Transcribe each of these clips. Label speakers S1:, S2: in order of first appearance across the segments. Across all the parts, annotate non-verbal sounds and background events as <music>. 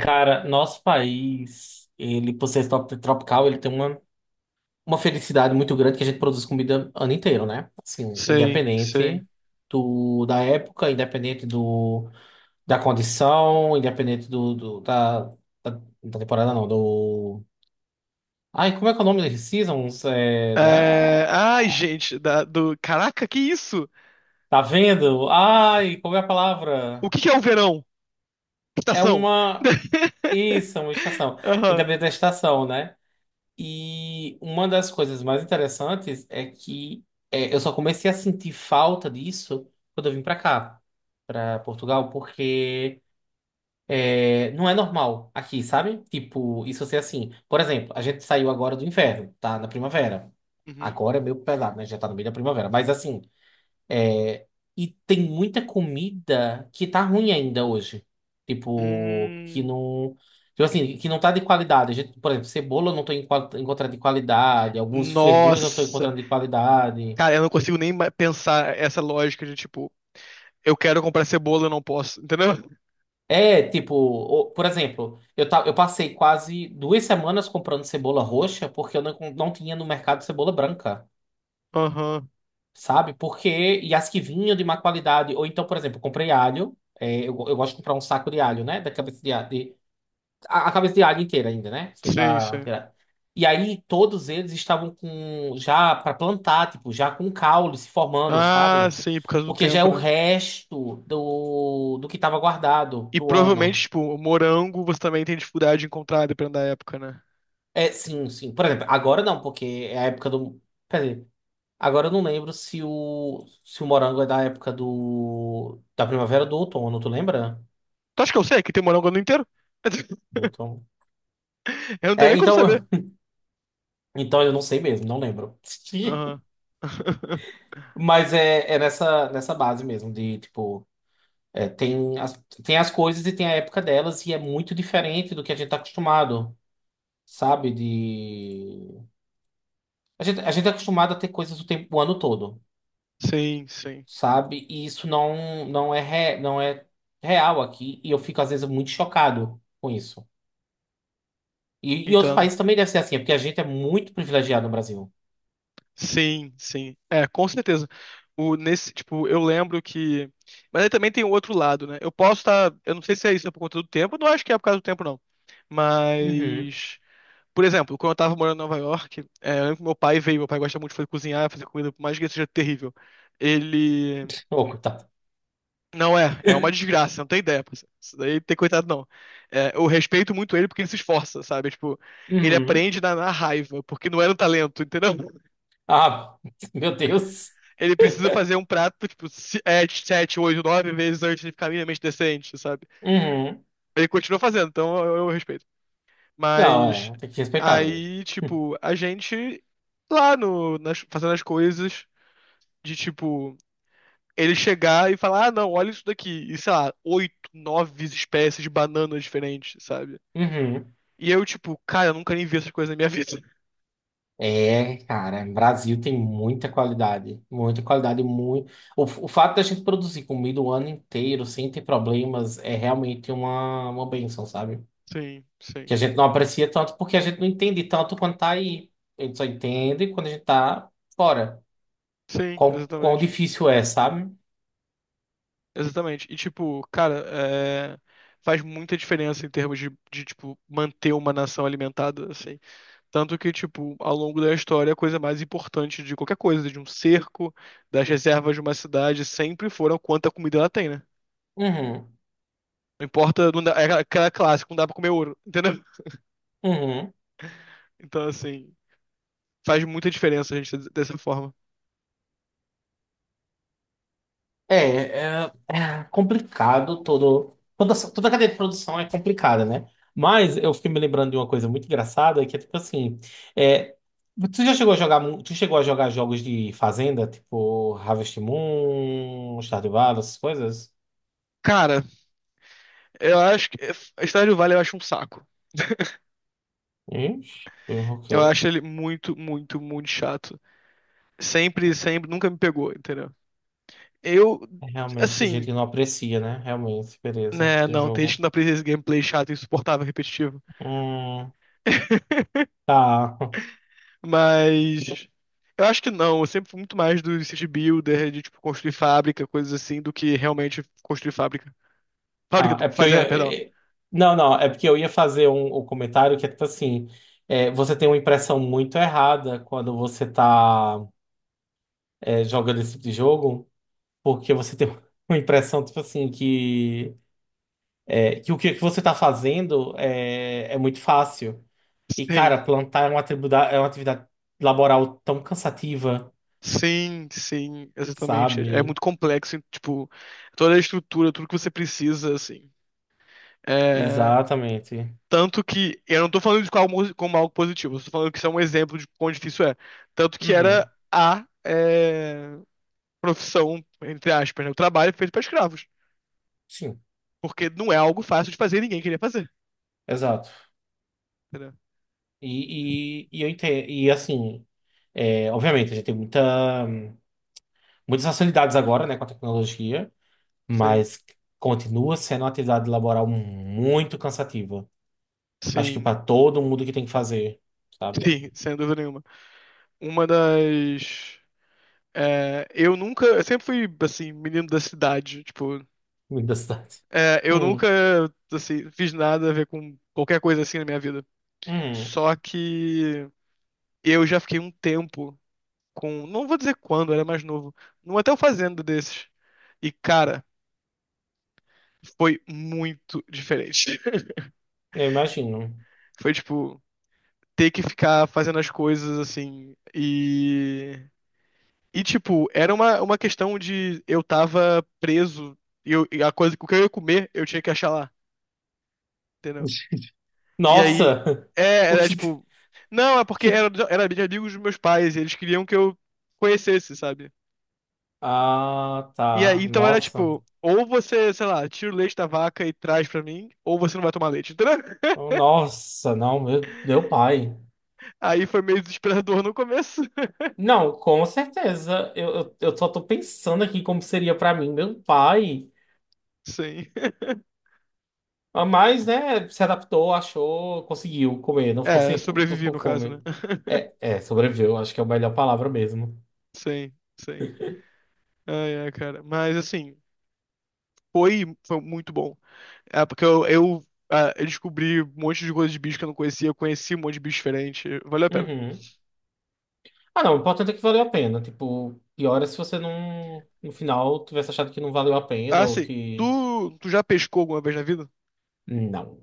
S1: Cara, nosso país, ele por ser tropical, ele tem uma felicidade muito grande que a gente produz comida ano inteiro, né? Assim,
S2: Sei, sei.
S1: independente da época, independente da condição, independente da temporada, não, do... Ai, como é que é o nome das seasons?
S2: É...
S1: Da...
S2: Ai, gente, da- do... Caraca, que isso?
S1: Tá vendo? Ai, como é a
S2: O
S1: palavra?
S2: que que é o verão?
S1: É
S2: Estação.
S1: uma...
S2: <laughs>
S1: Isso, é uma estação.
S2: Aham.
S1: Independente da estação, né? E uma das coisas mais interessantes é que eu só comecei a sentir falta disso quando eu vim pra cá, pra Portugal, porque não é normal aqui, sabe? Tipo, isso ser assim. Por exemplo, a gente saiu agora do inverno, tá? Na primavera.
S2: Uhum.
S1: Agora é meio pesado, né? Já tá no meio da primavera. Mas assim. É, e tem muita comida que tá ruim ainda hoje. Tipo, que
S2: Hum.
S1: não. Tipo assim, que não tá de qualidade. A gente, por exemplo, cebola eu não tô encontrando de qualidade. Algumas verduras eu não tô
S2: Nossa.
S1: encontrando de qualidade.
S2: Cara, eu não consigo nem ma- pensar essa lógica de tipo, eu quero comprar cebola, eu não posso, entendeu?
S1: É, tipo, por exemplo, eu passei quase duas semanas comprando cebola roxa porque eu não, não tinha no mercado cebola branca,
S2: Aham.
S1: sabe? Porque, e as que vinham de má qualidade. Ou então, por exemplo, eu comprei alho. É, eu gosto de comprar um saco de alho, né? Da cabeça de alho a cabeça de águia inteira ainda, né? Sem
S2: Sim,
S1: tá,
S2: sim.
S1: tirar. E aí todos eles estavam com já para plantar, tipo, já com caule se formando,
S2: Ah,
S1: sabe?
S2: sim, por causa do
S1: Porque já é
S2: tempo,
S1: o
S2: né?
S1: resto do que estava guardado
S2: E
S1: pro
S2: provavelmente,
S1: ano.
S2: tipo, o morango você também tem dificuldade de encontrar, dependendo da época, né?
S1: É, sim, sim. Por exemplo, agora não, porque é a época do. Quer dizer, agora eu não lembro se o morango é da época da primavera ou do outono, tu lembra?
S2: Tu acha que eu sei que tem morango no ano inteiro? <laughs>
S1: Então,
S2: Eu não tenho
S1: é,
S2: nem como saber.
S1: então, <laughs> então eu não sei mesmo, não lembro. <laughs>
S2: Aham. <laughs>
S1: Mas é, é nessa base mesmo, de tipo, é, tem as coisas e tem a época delas, e é muito diferente do que a gente tá acostumado, sabe? De... a gente é acostumado a ter coisas o tempo, o ano todo,
S2: Sim, sim.
S1: sabe? E isso não é real aqui, e eu fico às vezes muito chocado com isso. E outros
S2: Entendo.
S1: países também deve ser assim, é porque a gente é muito privilegiado no Brasil.
S2: Sim, sim. É, com certeza. O, nesse, tipo, eu lembro que. Mas aí também tem o outro lado, né? Eu posso estar. Eu não sei se é isso por conta do tempo, eu não acho que é por causa do tempo, não.
S1: Uhum.
S2: Mas. Por exemplo, quando eu tava morando em Nova York, é, eu lembro que meu pai veio, meu pai gosta muito de fazer cozinhar, fazer comida, por mais que seja terrível. Ele.
S1: <laughs> Ô, coitado.
S2: Não é, é uma desgraça, não tem ideia. Pô. Isso daí tem coitado, não. É, eu respeito muito ele porque ele se esforça, sabe? Tipo, ele
S1: Uhum.
S2: aprende na raiva, porque não era um talento, entendeu?
S1: Ah, <laughs> meu Deus.
S2: Ele precisa fazer um prato, tipo, se- é, 7, 8, 9 vezes antes de ficar minimamente decente, sabe?
S1: Uhum.
S2: Ele continua fazendo, então eu respeito.
S1: Não,
S2: Mas
S1: é, tem que respeitar mesmo.
S2: aí,
S1: <laughs>
S2: tipo, a gente lá no, nas- fazendo as coisas de tipo. Ele chegar e falar, ah, não, olha isso daqui. E sei lá, oito, nove espécies de bananas diferentes, sabe?
S1: Uhum.
S2: E eu, tipo, cara, eu nunca nem vi essas coisas na minha vida.
S1: É, cara, o Brasil tem muita qualidade, muito. O fato da gente produzir comida o ano inteiro sem ter problemas é realmente uma bênção, sabe?
S2: Sim,
S1: Que
S2: sim.
S1: a gente não aprecia tanto porque a gente não entende tanto quando tá aí. A gente só entende quando a gente tá fora.
S2: Sim,
S1: Quão
S2: exatamente.
S1: difícil é, sabe?
S2: Exatamente. E, tipo, cara, é, faz muita diferença em termos de, tipo, manter uma nação alimentada, assim. Tanto que, tipo, ao longo da história, a coisa mais importante de qualquer coisa, de um cerco, das reservas de uma cidade, sempre foram quanta comida ela tem, né?
S1: Uhum,
S2: Não importa, não dá, é aquela clássica, não dá pra comer ouro, <laughs> entendeu?
S1: uhum.
S2: Então, assim, faz muita diferença a gente ser dessa forma.
S1: É, é, é complicado todo. Toda, toda a cadeia de produção é complicada, né? Mas eu fiquei me lembrando de uma coisa muito engraçada, que é tipo assim. É, tu chegou a jogar jogos de fazenda, tipo Harvest Moon, Stardew Valley, essas coisas?
S2: Cara, eu acho que a história do Vale eu acho um saco.
S1: Ixi, o
S2: Eu
S1: quê?
S2: acho ele muito, muito, muito chato. Sempre, sempre, nunca me pegou, entendeu? Eu,
S1: É realmente, esse jeito
S2: assim,
S1: que não aprecia, né? Realmente, beleza.
S2: né,
S1: De
S2: não, tem gente
S1: jogo.
S2: que não aprecia esse gameplay chato, insuportável, repetitivo.
S1: Hum,
S2: <laughs>
S1: tá. <laughs>
S2: Mas eu acho que não, eu sempre fui muito mais do city builder, de tipo construir fábrica, coisas assim, do que realmente construir fábrica. Fábrica,
S1: Ah, é
S2: do-
S1: porque eu ia.
S2: fazenda, perdão.
S1: eh, Não, não, é porque eu ia fazer um comentário que é tipo assim: você tem uma impressão muito errada quando você tá jogando esse tipo de jogo, porque você tem <laughs> uma impressão, tipo assim, que, que o que que você tá fazendo é muito fácil. E,
S2: Sim,
S1: cara, plantar é uma atividade laboral tão cansativa,
S2: sim, sim, exatamente. É
S1: sabe?
S2: muito complexo, tipo, toda a estrutura, tudo que você precisa, assim. É,
S1: Exatamente.
S2: tanto que, eu não tô falando de como algo positivo, eu tô falando que isso é um exemplo de quão difícil é. Tanto que era
S1: Uhum,
S2: a é, profissão, entre aspas, né? O trabalho feito para escravos.
S1: sim,
S2: Porque não é algo fácil de fazer e ninguém queria fazer.
S1: exato.
S2: Entendeu?
S1: E eu entendo, e assim, é, obviamente, a gente tem muitas facilidades agora, né, com a tecnologia,
S2: Sim,
S1: mas continua sendo uma atividade laboral muito cansativa. Acho que
S2: sim,
S1: para todo mundo que tem que fazer, sabe?
S2: sim, sem dúvida nenhuma. Uma das. É, eu nunca. Eu sempre fui, assim, menino da cidade. Tipo,
S1: Muito da cidade.
S2: é, eu nunca,
S1: Hum,
S2: assim, fiz nada a ver com qualquer coisa assim na minha vida.
S1: hum,
S2: Só que eu já fiquei um tempo com, não vou dizer quando, eu era mais novo, num hotel fazenda desses. E, cara, foi muito diferente. <laughs>
S1: eu imagino.
S2: Foi, tipo, ter que ficar fazendo as coisas assim e... E, tipo, era uma questão de eu tava preso e, eu- e a coisa, o que eu ia comer, eu tinha que achar lá, entendeu? E aí,
S1: Nossa! <laughs>
S2: é,
S1: O
S2: era
S1: que,
S2: tipo. Não, é porque
S1: que-
S2: era, era de amigos dos meus pais, e eles queriam que eu conhecesse, sabe?
S1: Ah,
S2: E
S1: tá.
S2: aí, então era
S1: Nossa.
S2: tipo, ou você, sei lá, tira o leite da vaca e traz pra mim, ou você não vai tomar leite, entendeu? <laughs>
S1: Nossa, não, meu pai.
S2: Aí foi meio desesperador no começo. <laughs>
S1: Não, com certeza. Eu só tô pensando aqui como seria pra mim, meu pai.
S2: Sim.
S1: Ah, mas, né, se adaptou, achou, conseguiu comer, não ficou
S2: É,
S1: sem, não
S2: sobrevivi
S1: ficou
S2: no
S1: com
S2: caso, né?
S1: fome.
S2: <laughs>
S1: É, é, sobreviveu, acho que é a melhor palavra mesmo.
S2: Sim, sim. Ai, ai, cara. Mas assim, foi, foi muito bom. É, porque eu, ah, eu descobri um monte de coisa de bicho que eu não conhecia, eu conheci um monte de bicho diferente. Valeu a pena.
S1: Uhum. Ah, não, o importante é que valeu a pena. Tipo, pior é se você não, no final, tivesse achado que não valeu a pena ou
S2: Assim,
S1: que.
S2: tu, tu já pescou alguma vez na vida?
S1: Não.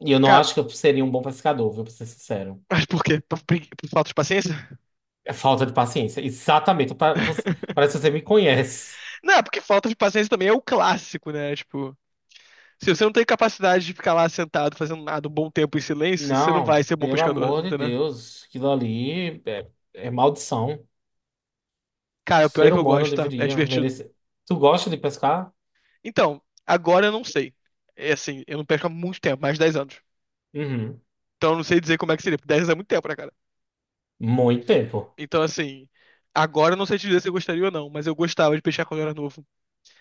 S1: E eu não
S2: Cara,
S1: acho que eu seria um bom pescador, viu, pra ser sincero.
S2: mas por quê? Por, pregui- por falta de paciência?
S1: É falta de paciência. Exatamente.
S2: <laughs>
S1: Parece que você me conhece.
S2: Não, porque falta de paciência também é o clássico, né? Tipo, se você não tem capacidade de ficar lá sentado fazendo nada um bom tempo em silêncio, você não vai
S1: Não,
S2: ser bom
S1: pelo
S2: pescador,
S1: amor de
S2: entendeu?
S1: Deus, aquilo ali é maldição.
S2: Cara, o pior é
S1: Ser
S2: que eu
S1: humano
S2: gosto, tá? É
S1: deveria
S2: divertido.
S1: merecer. Tu gosta de pescar?
S2: Então, agora eu não sei. É assim, eu não pesco há muito tempo, mais de 10 anos.
S1: Uhum.
S2: Então eu não sei dizer como é que seria, porque 10 anos é muito tempo, né, cara?
S1: Muito tempo.
S2: Então, assim, agora eu não sei te dizer se eu gostaria ou não, mas eu gostava de pescar quando eu era novo.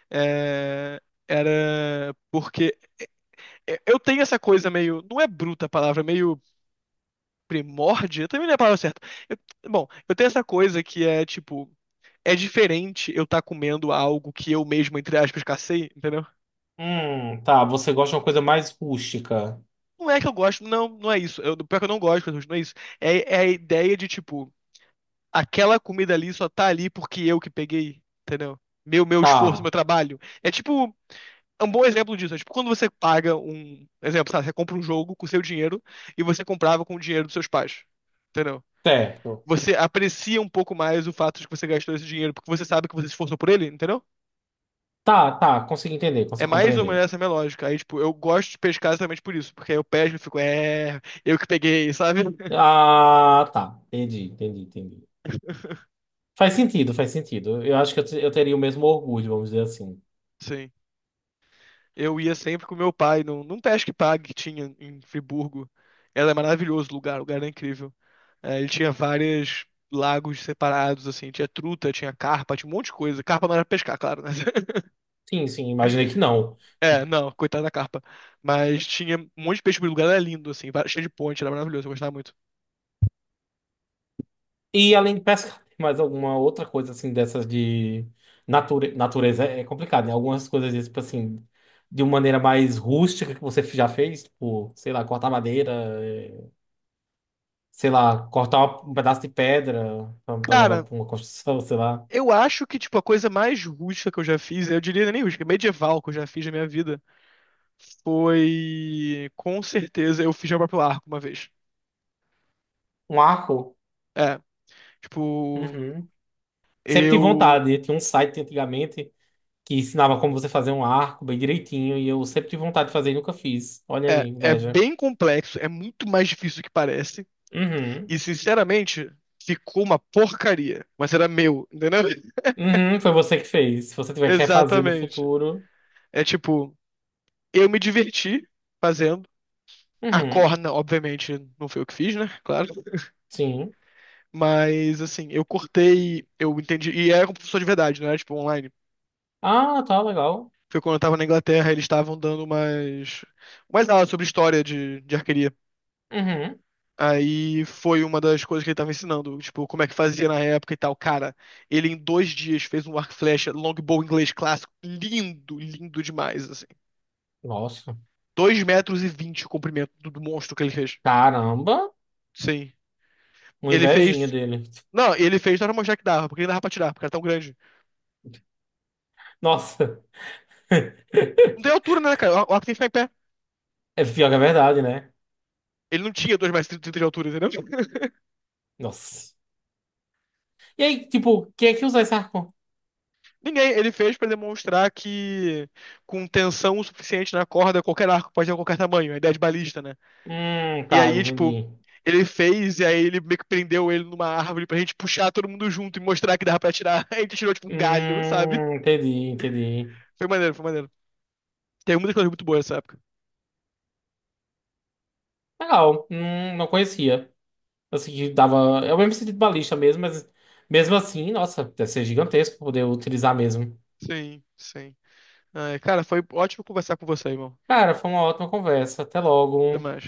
S2: É, era porque eu tenho essa coisa meio, não é bruta a palavra, é meio primórdia, também não é a palavra certa. Eu- bom, eu tenho essa coisa que é tipo, é diferente eu estar comendo algo que eu mesmo, entre aspas, cacei, entendeu?
S1: Tá, você gosta de uma coisa mais rústica.
S2: Não é que eu gosto, não, não é isso. Eu, pior que eu não gosto, não é isso. É, é a ideia de tipo, aquela comida ali só tá ali porque eu que peguei, entendeu? Meu esforço,
S1: Tá,
S2: meu trabalho. É tipo, é um bom exemplo disso. É tipo quando você paga um, exemplo, sabe, você compra um jogo com seu dinheiro e você comprava com o dinheiro dos seus pais, entendeu?
S1: certo.
S2: Você aprecia um pouco mais o fato de que você gastou esse dinheiro porque você sabe que você se esforçou por ele, entendeu?
S1: Tá, tá, consegui entender,
S2: É
S1: consegui
S2: mais ou menos
S1: compreender.
S2: essa a minha lógica. Aí, tipo, eu gosto de pescar exatamente por isso, porque aí eu pesco e fico, é, eu que peguei, sabe? <laughs>
S1: Ah, tá, entendi, entendi, entendi. Faz sentido, faz sentido. Eu acho que eu teria o mesmo orgulho, vamos dizer assim.
S2: Sim. Eu ia sempre com meu pai num Pesque Pague que tinha em Friburgo. Era maravilhoso o lugar era incrível. É, ele tinha vários lagos separados, assim, tinha truta, tinha carpa, tinha um monte de coisa. Carpa não era pescar, claro, né? <laughs>
S1: Sim, sim, imaginei que não.
S2: É, não, coitada da carpa. Mas tinha um monte de peixe, o lugar era lindo, assim, va- cheio de ponte, era maravilhoso, eu gostava muito.
S1: E além de pesca, tem mais alguma outra coisa assim dessas de natureza é complicado, né? Algumas coisas tipo assim, de uma maneira mais rústica que você já fez, tipo, sei lá, cortar madeira, eh, sei lá, cortar um pedaço de pedra pra levar
S2: Cara,
S1: pra uma construção, sei lá,
S2: eu acho que, tipo, a coisa mais rústica que eu já fiz, eu diria nem rústica, medieval que eu já fiz na minha vida, foi, com certeza, eu fiz meu próprio arco uma vez.
S1: um arco.
S2: É, tipo,
S1: Uhum. Sempre tive
S2: eu.
S1: vontade, né? Tinha um site antigamente que ensinava como você fazer um arco bem direitinho e eu sempre tive vontade de fazer e nunca fiz. Olha aí,
S2: É, é
S1: inveja.
S2: bem complexo, é muito mais difícil do que parece.
S1: Uhum.
S2: E, sinceramente, ficou uma porcaria. Mas era meu, entendeu? <laughs>
S1: Uhum, foi você que fez. Se você tiver quer fazer no
S2: Exatamente.
S1: futuro.
S2: É tipo, eu me diverti fazendo. A
S1: Uhum,
S2: corna, obviamente, não foi eu que fiz, né? Claro.
S1: sim.
S2: Mas, assim, eu cortei, eu entendi. E era com professor de verdade, não era tipo online.
S1: Ah, tá legal.
S2: Foi quando eu tava na Inglaterra, eles estavam dando umas, umas aulas sobre história de arqueria.
S1: Uhum.
S2: Aí foi uma das coisas que ele tava ensinando, tipo, como é que fazia na época e tal. Cara, ele em 2 dias fez um arco e flecha longbow inglês clássico, lindo, lindo demais, assim.
S1: Nossa.
S2: 2,20 metros o comprimento do monstro que ele fez.
S1: Caramba.
S2: Sim.
S1: Uma
S2: Ele
S1: invejinha
S2: fez.
S1: dele.
S2: Não, ele fez só pra mostrar que dava, porque ele dava pra tirar, porque era tão grande.
S1: Nossa. <laughs>
S2: Não tem altura, né, cara? O arco tem que ficar em pé.
S1: É pior que a verdade, né?
S2: Ele não tinha 2,30 metros de altura, entendeu? <laughs>
S1: Nossa. E aí, tipo, quem é que usa esse arco?
S2: Ninguém. Ele fez pra demonstrar que com tensão o suficiente na corda, qualquer arco pode ter qualquer tamanho. A ideia de balista, né? E
S1: Tá,
S2: aí, tipo,
S1: entendi.
S2: ele fez, e aí ele meio que prendeu ele numa árvore pra gente puxar todo mundo junto e mostrar que dava pra tirar. <laughs> A gente tirou, tipo, um galho, sabe?
S1: Entendi, entendi.
S2: Foi maneiro, foi maneiro. Tem muitas coisas muito boas nessa época.
S1: Legal. Não conhecia. Assim, que dava. É o mesmo sentido de balista mesmo, mas mesmo assim, nossa, deve ser gigantesco poder utilizar mesmo.
S2: Sim, sim. Ai, cara, foi ótimo conversar com você, irmão.
S1: Cara, foi uma ótima conversa. Até
S2: Até
S1: logo.
S2: mais.